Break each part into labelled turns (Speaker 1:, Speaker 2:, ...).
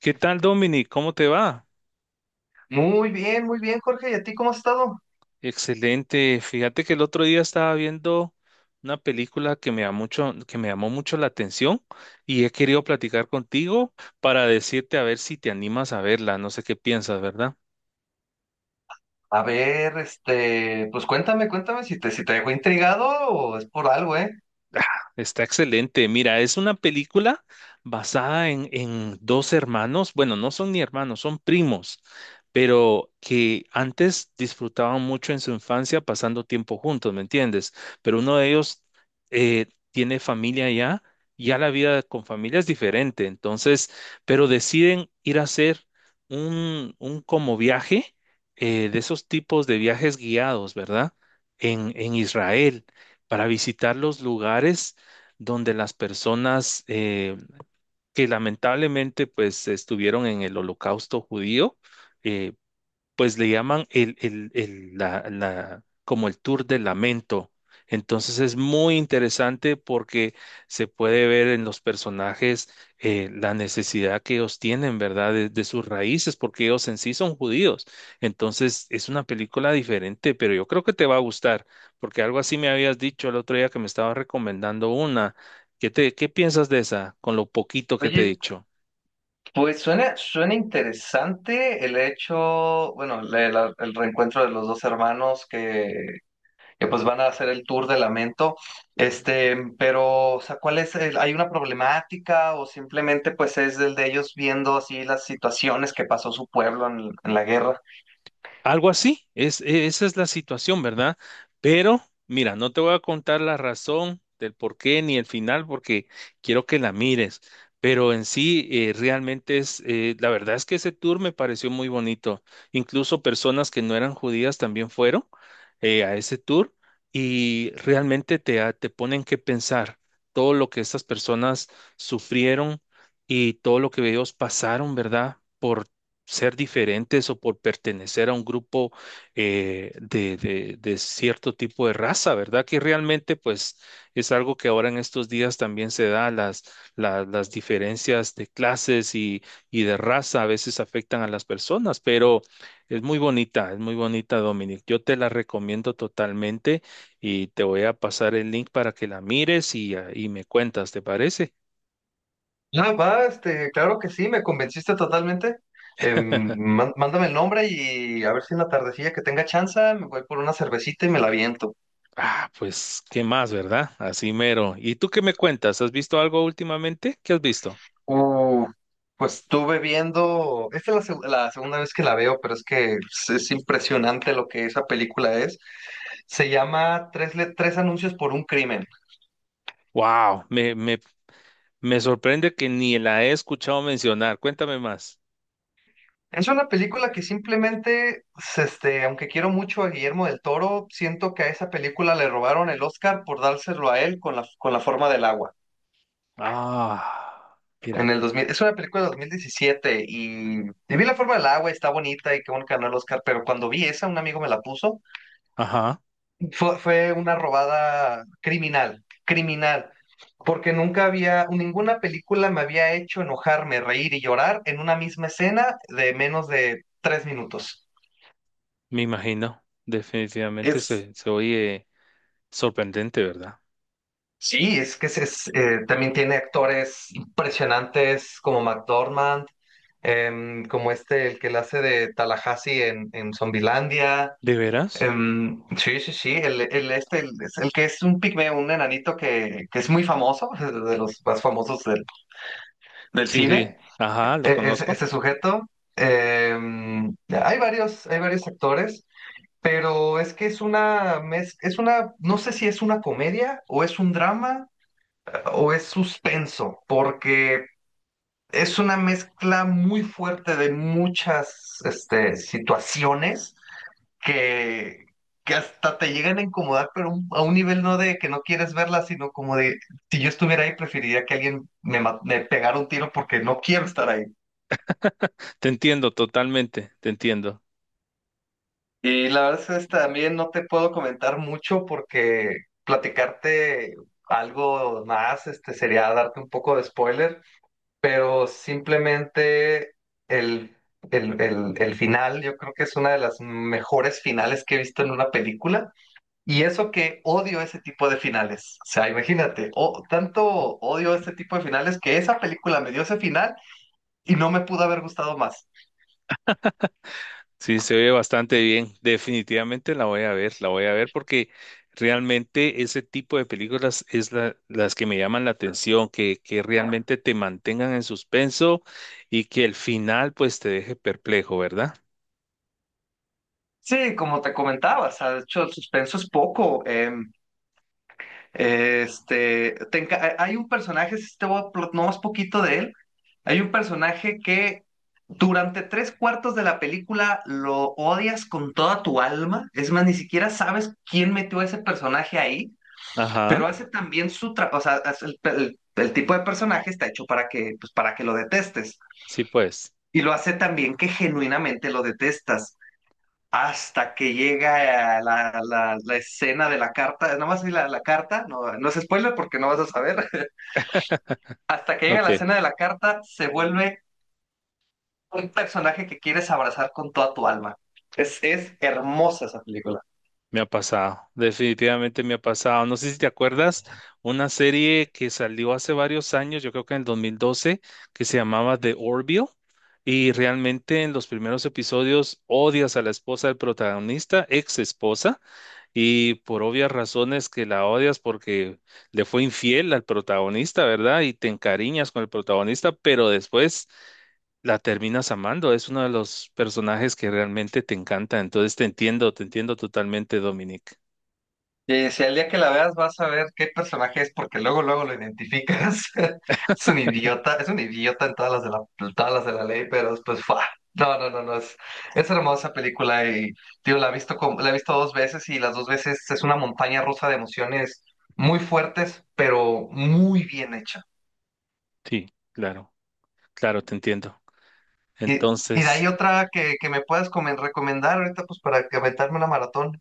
Speaker 1: ¿Qué tal, Dominic? ¿Cómo te va?
Speaker 2: Muy bien, Jorge. ¿Y a ti cómo has estado?
Speaker 1: Excelente. Fíjate que el otro día estaba viendo una película que me llamó mucho, que me llamó mucho la atención y he querido platicar contigo para decirte a ver si te animas a verla. No sé qué piensas, ¿verdad?
Speaker 2: A ver, este, pues cuéntame, si te dejó intrigado o es por algo, ¿eh?
Speaker 1: Ah, Está excelente. Mira, es una película basada en dos hermanos. Bueno, no son ni hermanos, son primos, pero que antes disfrutaban mucho en su infancia pasando tiempo juntos, ¿me entiendes? Pero uno de ellos tiene familia ya, ya la vida con familia es diferente. Entonces, pero deciden ir a hacer un como viaje, de esos tipos de viajes guiados, ¿verdad? En Israel para visitar los lugares donde las personas que lamentablemente pues estuvieron en el holocausto judío, eh, pues le llaman como el tour del lamento. Entonces es muy interesante porque se puede ver en los personajes la necesidad que ellos tienen, ¿verdad? De sus raíces, porque ellos en sí son judíos. Entonces es una película diferente, pero yo creo que te va a gustar, porque algo así me habías dicho el otro día que me estabas recomendando una. ¿Qué piensas de esa con lo poquito que te he
Speaker 2: Oye,
Speaker 1: dicho?
Speaker 2: pues suena, suena interesante el hecho, bueno, el reencuentro de los dos hermanos que pues van a hacer el tour de Lamento. Este, pero, o sea, ¿cuál es hay una problemática o simplemente pues es el de ellos viendo así las situaciones que pasó su pueblo en la guerra?
Speaker 1: Algo así, es, esa es la situación, ¿verdad? Pero mira, no te voy a contar la razón del por qué ni el final porque quiero que la mires, pero en sí realmente es, la verdad es que ese tour me pareció muy bonito. Incluso personas que no eran judías también fueron a ese tour y realmente te ponen que pensar todo lo que estas personas sufrieron y todo lo que ellos pasaron, ¿verdad? Por ser diferentes o por pertenecer a un grupo de cierto tipo de raza, ¿verdad? Que realmente pues es algo que ahora en estos días también se da, las diferencias de clases y de raza a veces afectan a las personas, pero es muy bonita, Dominic. Yo te la recomiendo totalmente y te voy a pasar el link para que la mires y, y me cuentas, ¿te parece?
Speaker 2: Ah, va, este, claro que sí, me convenciste totalmente. Mándame el nombre y a ver si en la tardecilla que tenga chance me voy por una cervecita y me la aviento.
Speaker 1: Ah, pues, ¿qué más, verdad? Así mero. ¿Y tú qué me cuentas? ¿Has visto algo últimamente? ¿Qué has visto?
Speaker 2: Uh, pues estuve viendo, esta es la segunda vez que la veo, pero es que es impresionante lo que esa película es. Se llama Tres anuncios por un crimen.
Speaker 1: Wow, me sorprende que ni la he escuchado mencionar. Cuéntame más.
Speaker 2: Es una película que simplemente, aunque quiero mucho a Guillermo del Toro, siento que a esa película le robaron el Oscar por dárselo a él con la forma del agua.
Speaker 1: Ah, mira.
Speaker 2: En el 2000, es una película de 2017 y vi la forma del agua, está bonita y qué bueno que ganó el Oscar, pero cuando vi esa, un amigo me la puso,
Speaker 1: Ajá,
Speaker 2: fue una robada criminal, criminal, porque nunca había, ninguna película me había hecho enojarme, reír y llorar en una misma escena de menos de 3 minutos.
Speaker 1: me imagino. Definitivamente
Speaker 2: Es,
Speaker 1: se oye sorprendente, ¿verdad?
Speaker 2: sí, es que también tiene actores impresionantes como McDormand, el que la hace de Tallahassee en Zombielandia.
Speaker 1: ¿De veras?
Speaker 2: Sí, sí, sí, es el que es un pigmeo, un enanito que es muy famoso, de los más famosos del
Speaker 1: Sí, sí.
Speaker 2: cine,
Speaker 1: Ajá, lo conozco.
Speaker 2: ese sujeto. Hay varios actores, pero es que es una, es una, no sé si es una comedia o es un drama o es suspenso, porque es una mezcla muy fuerte de muchas, este, situaciones que, que hasta te llegan a incomodar, pero a un nivel no de que no quieres verla, sino como de, si yo estuviera ahí, preferiría que alguien me pegara un tiro porque no quiero estar ahí.
Speaker 1: Te entiendo totalmente, te entiendo.
Speaker 2: Y la verdad es que también no te puedo comentar mucho porque platicarte algo más, este, sería darte un poco de spoiler, pero simplemente el, el final, yo creo que es una de las mejores finales que he visto en una película. Y eso que odio ese tipo de finales. O sea, imagínate, o, tanto odio este tipo de finales que esa película me dio ese final y no me pudo haber gustado más.
Speaker 1: Sí, se ve bastante bien. Definitivamente la voy a ver, la voy a ver porque realmente ese tipo de películas es las que me llaman la atención, que realmente te mantengan en suspenso y que el final pues te deje perplejo, ¿verdad?
Speaker 2: Sí, como te comentaba, o sea, de hecho, el suspenso es poco. Hay un personaje, si te voy a pl- no más poquito de él, hay un personaje que durante tres cuartos de la película lo odias con toda tu alma. Es más, ni siquiera sabes quién metió a ese personaje ahí. Pero
Speaker 1: Ajá,
Speaker 2: hace también su trabajo, o sea, hace el tipo de personaje está hecho para que, pues, para que lo detestes.
Speaker 1: sí pues.
Speaker 2: Y lo hace también que genuinamente lo detestas. Hasta que llega la escena de la carta. No más vi la carta, no, no es spoiler porque no vas a saber. Hasta que llega
Speaker 1: Ok.
Speaker 2: la escena de la carta, se vuelve un personaje que quieres abrazar con toda tu alma. Es hermosa esa película.
Speaker 1: Me ha pasado, definitivamente me ha pasado. No sé si te acuerdas, una serie que salió hace varios años, yo creo que en el 2012, que se llamaba The Orville, y realmente en los primeros episodios odias a la esposa del protagonista, ex esposa, y por obvias razones que la odias porque le fue infiel al protagonista, ¿verdad? Y te encariñas con el protagonista, pero después la terminas amando. Es uno de los personajes que realmente te encanta. Entonces te entiendo totalmente, Dominic.
Speaker 2: Y si al día que la veas vas a ver qué personaje es, porque luego, luego lo identificas. Es un idiota en todas las de la ley, pero después, ¡fua! No, no, no, no, es hermosa película y, tío, la he visto 2 veces y las 2 veces es una montaña rusa de emociones muy fuertes, pero muy bien hecha.
Speaker 1: Sí, claro, claro, te entiendo.
Speaker 2: Y de ahí
Speaker 1: Entonces,
Speaker 2: otra que me puedas recomendar ahorita, pues para que aventarme una maratón.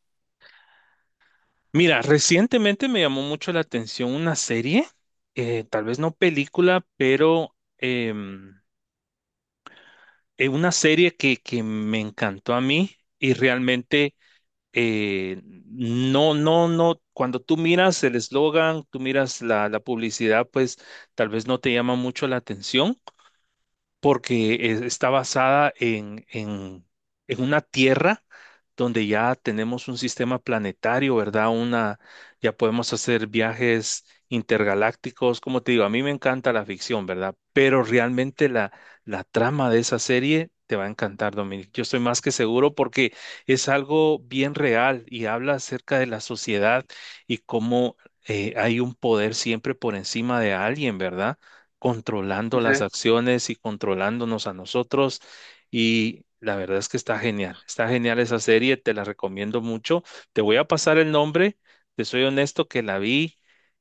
Speaker 1: mira, recientemente me llamó mucho la atención una serie, tal vez no película, pero em, una serie que me encantó a mí y realmente no, no, no, cuando tú miras el eslogan, tú miras la publicidad, pues tal vez no te llama mucho la atención porque está basada en una Tierra donde ya tenemos un sistema planetario, ¿verdad? Una, ya podemos hacer viajes intergalácticos, como te digo, a mí me encanta la ficción, ¿verdad? Pero realmente la trama de esa serie te va a encantar, Dominic. Yo estoy más que seguro porque es algo bien real y habla acerca de la sociedad y cómo hay un poder siempre por encima de alguien, ¿verdad? Controlando
Speaker 2: Sí,
Speaker 1: las
Speaker 2: sí.
Speaker 1: acciones y controlándonos a nosotros. Y la verdad es que está genial esa serie, te la recomiendo mucho. Te voy a pasar el nombre, te soy honesto que la vi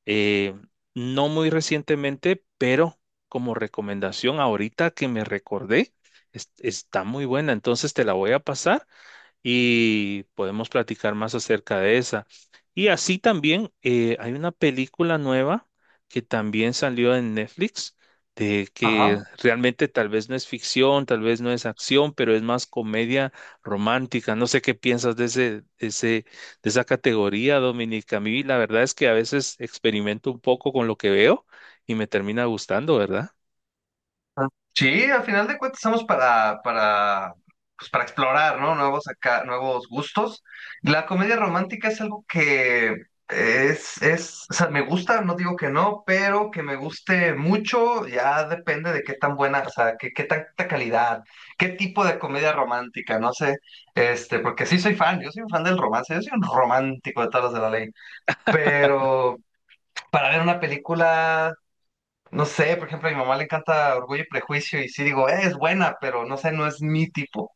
Speaker 1: eh, no muy recientemente, pero como recomendación ahorita que me recordé, está muy buena, entonces te la voy a pasar y podemos platicar más acerca de esa. Y así también hay una película nueva que también salió en Netflix, de que
Speaker 2: Ajá.
Speaker 1: realmente tal vez no es ficción, tal vez no es acción, pero es más comedia romántica. No sé qué piensas de ese, de esa categoría, Dominica. A mí la verdad es que a veces experimento un poco con lo que veo y me termina gustando, ¿verdad?
Speaker 2: Sí, al final de cuentas estamos pues para explorar, ¿no? Nuevos acá, nuevos gustos. La comedia romántica es algo que es, o sea, me gusta, no digo que no, pero que me guste mucho, ya depende de qué tan buena, o sea, qué tanta calidad, qué tipo de comedia romántica, no sé, este, porque sí soy fan, yo soy un fan del romance, yo soy un romántico de todas las de la ley, pero para ver una película no sé, por ejemplo, a mi mamá le encanta Orgullo y Prejuicio y sí digo, es buena, pero no sé, no es mi tipo".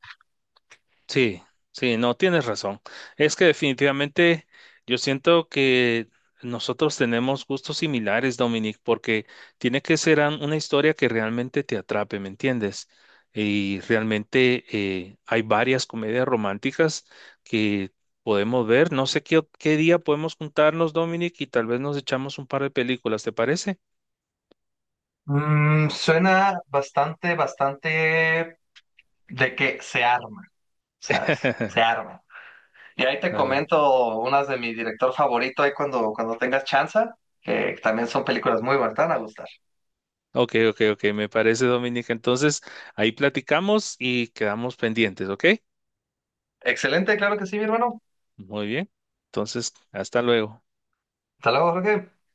Speaker 1: Sí, sí, no tienes razón. Es que definitivamente yo siento que nosotros tenemos gustos similares, Dominic, porque tiene que ser una historia que realmente te atrape, ¿me entiendes? Y realmente hay varias comedias románticas que podemos ver. No sé qué día podemos juntarnos, Dominic, y tal vez nos echamos un par de películas, ¿te parece?
Speaker 2: Mm, suena bastante, bastante de que se arma, ¿sabes? Se arma. Y ahí te
Speaker 1: Está bien.
Speaker 2: comento unas de mi director favorito ahí cuando tengas chance, que también son películas muy buenas, te van a gustar.
Speaker 1: Ok, ok, ok, me parece, Dominic. Entonces, ahí platicamos y quedamos pendientes, ¿ok?
Speaker 2: Excelente, claro que sí, mi hermano.
Speaker 1: Muy bien. Entonces, hasta luego.
Speaker 2: Hasta luego, Jorge.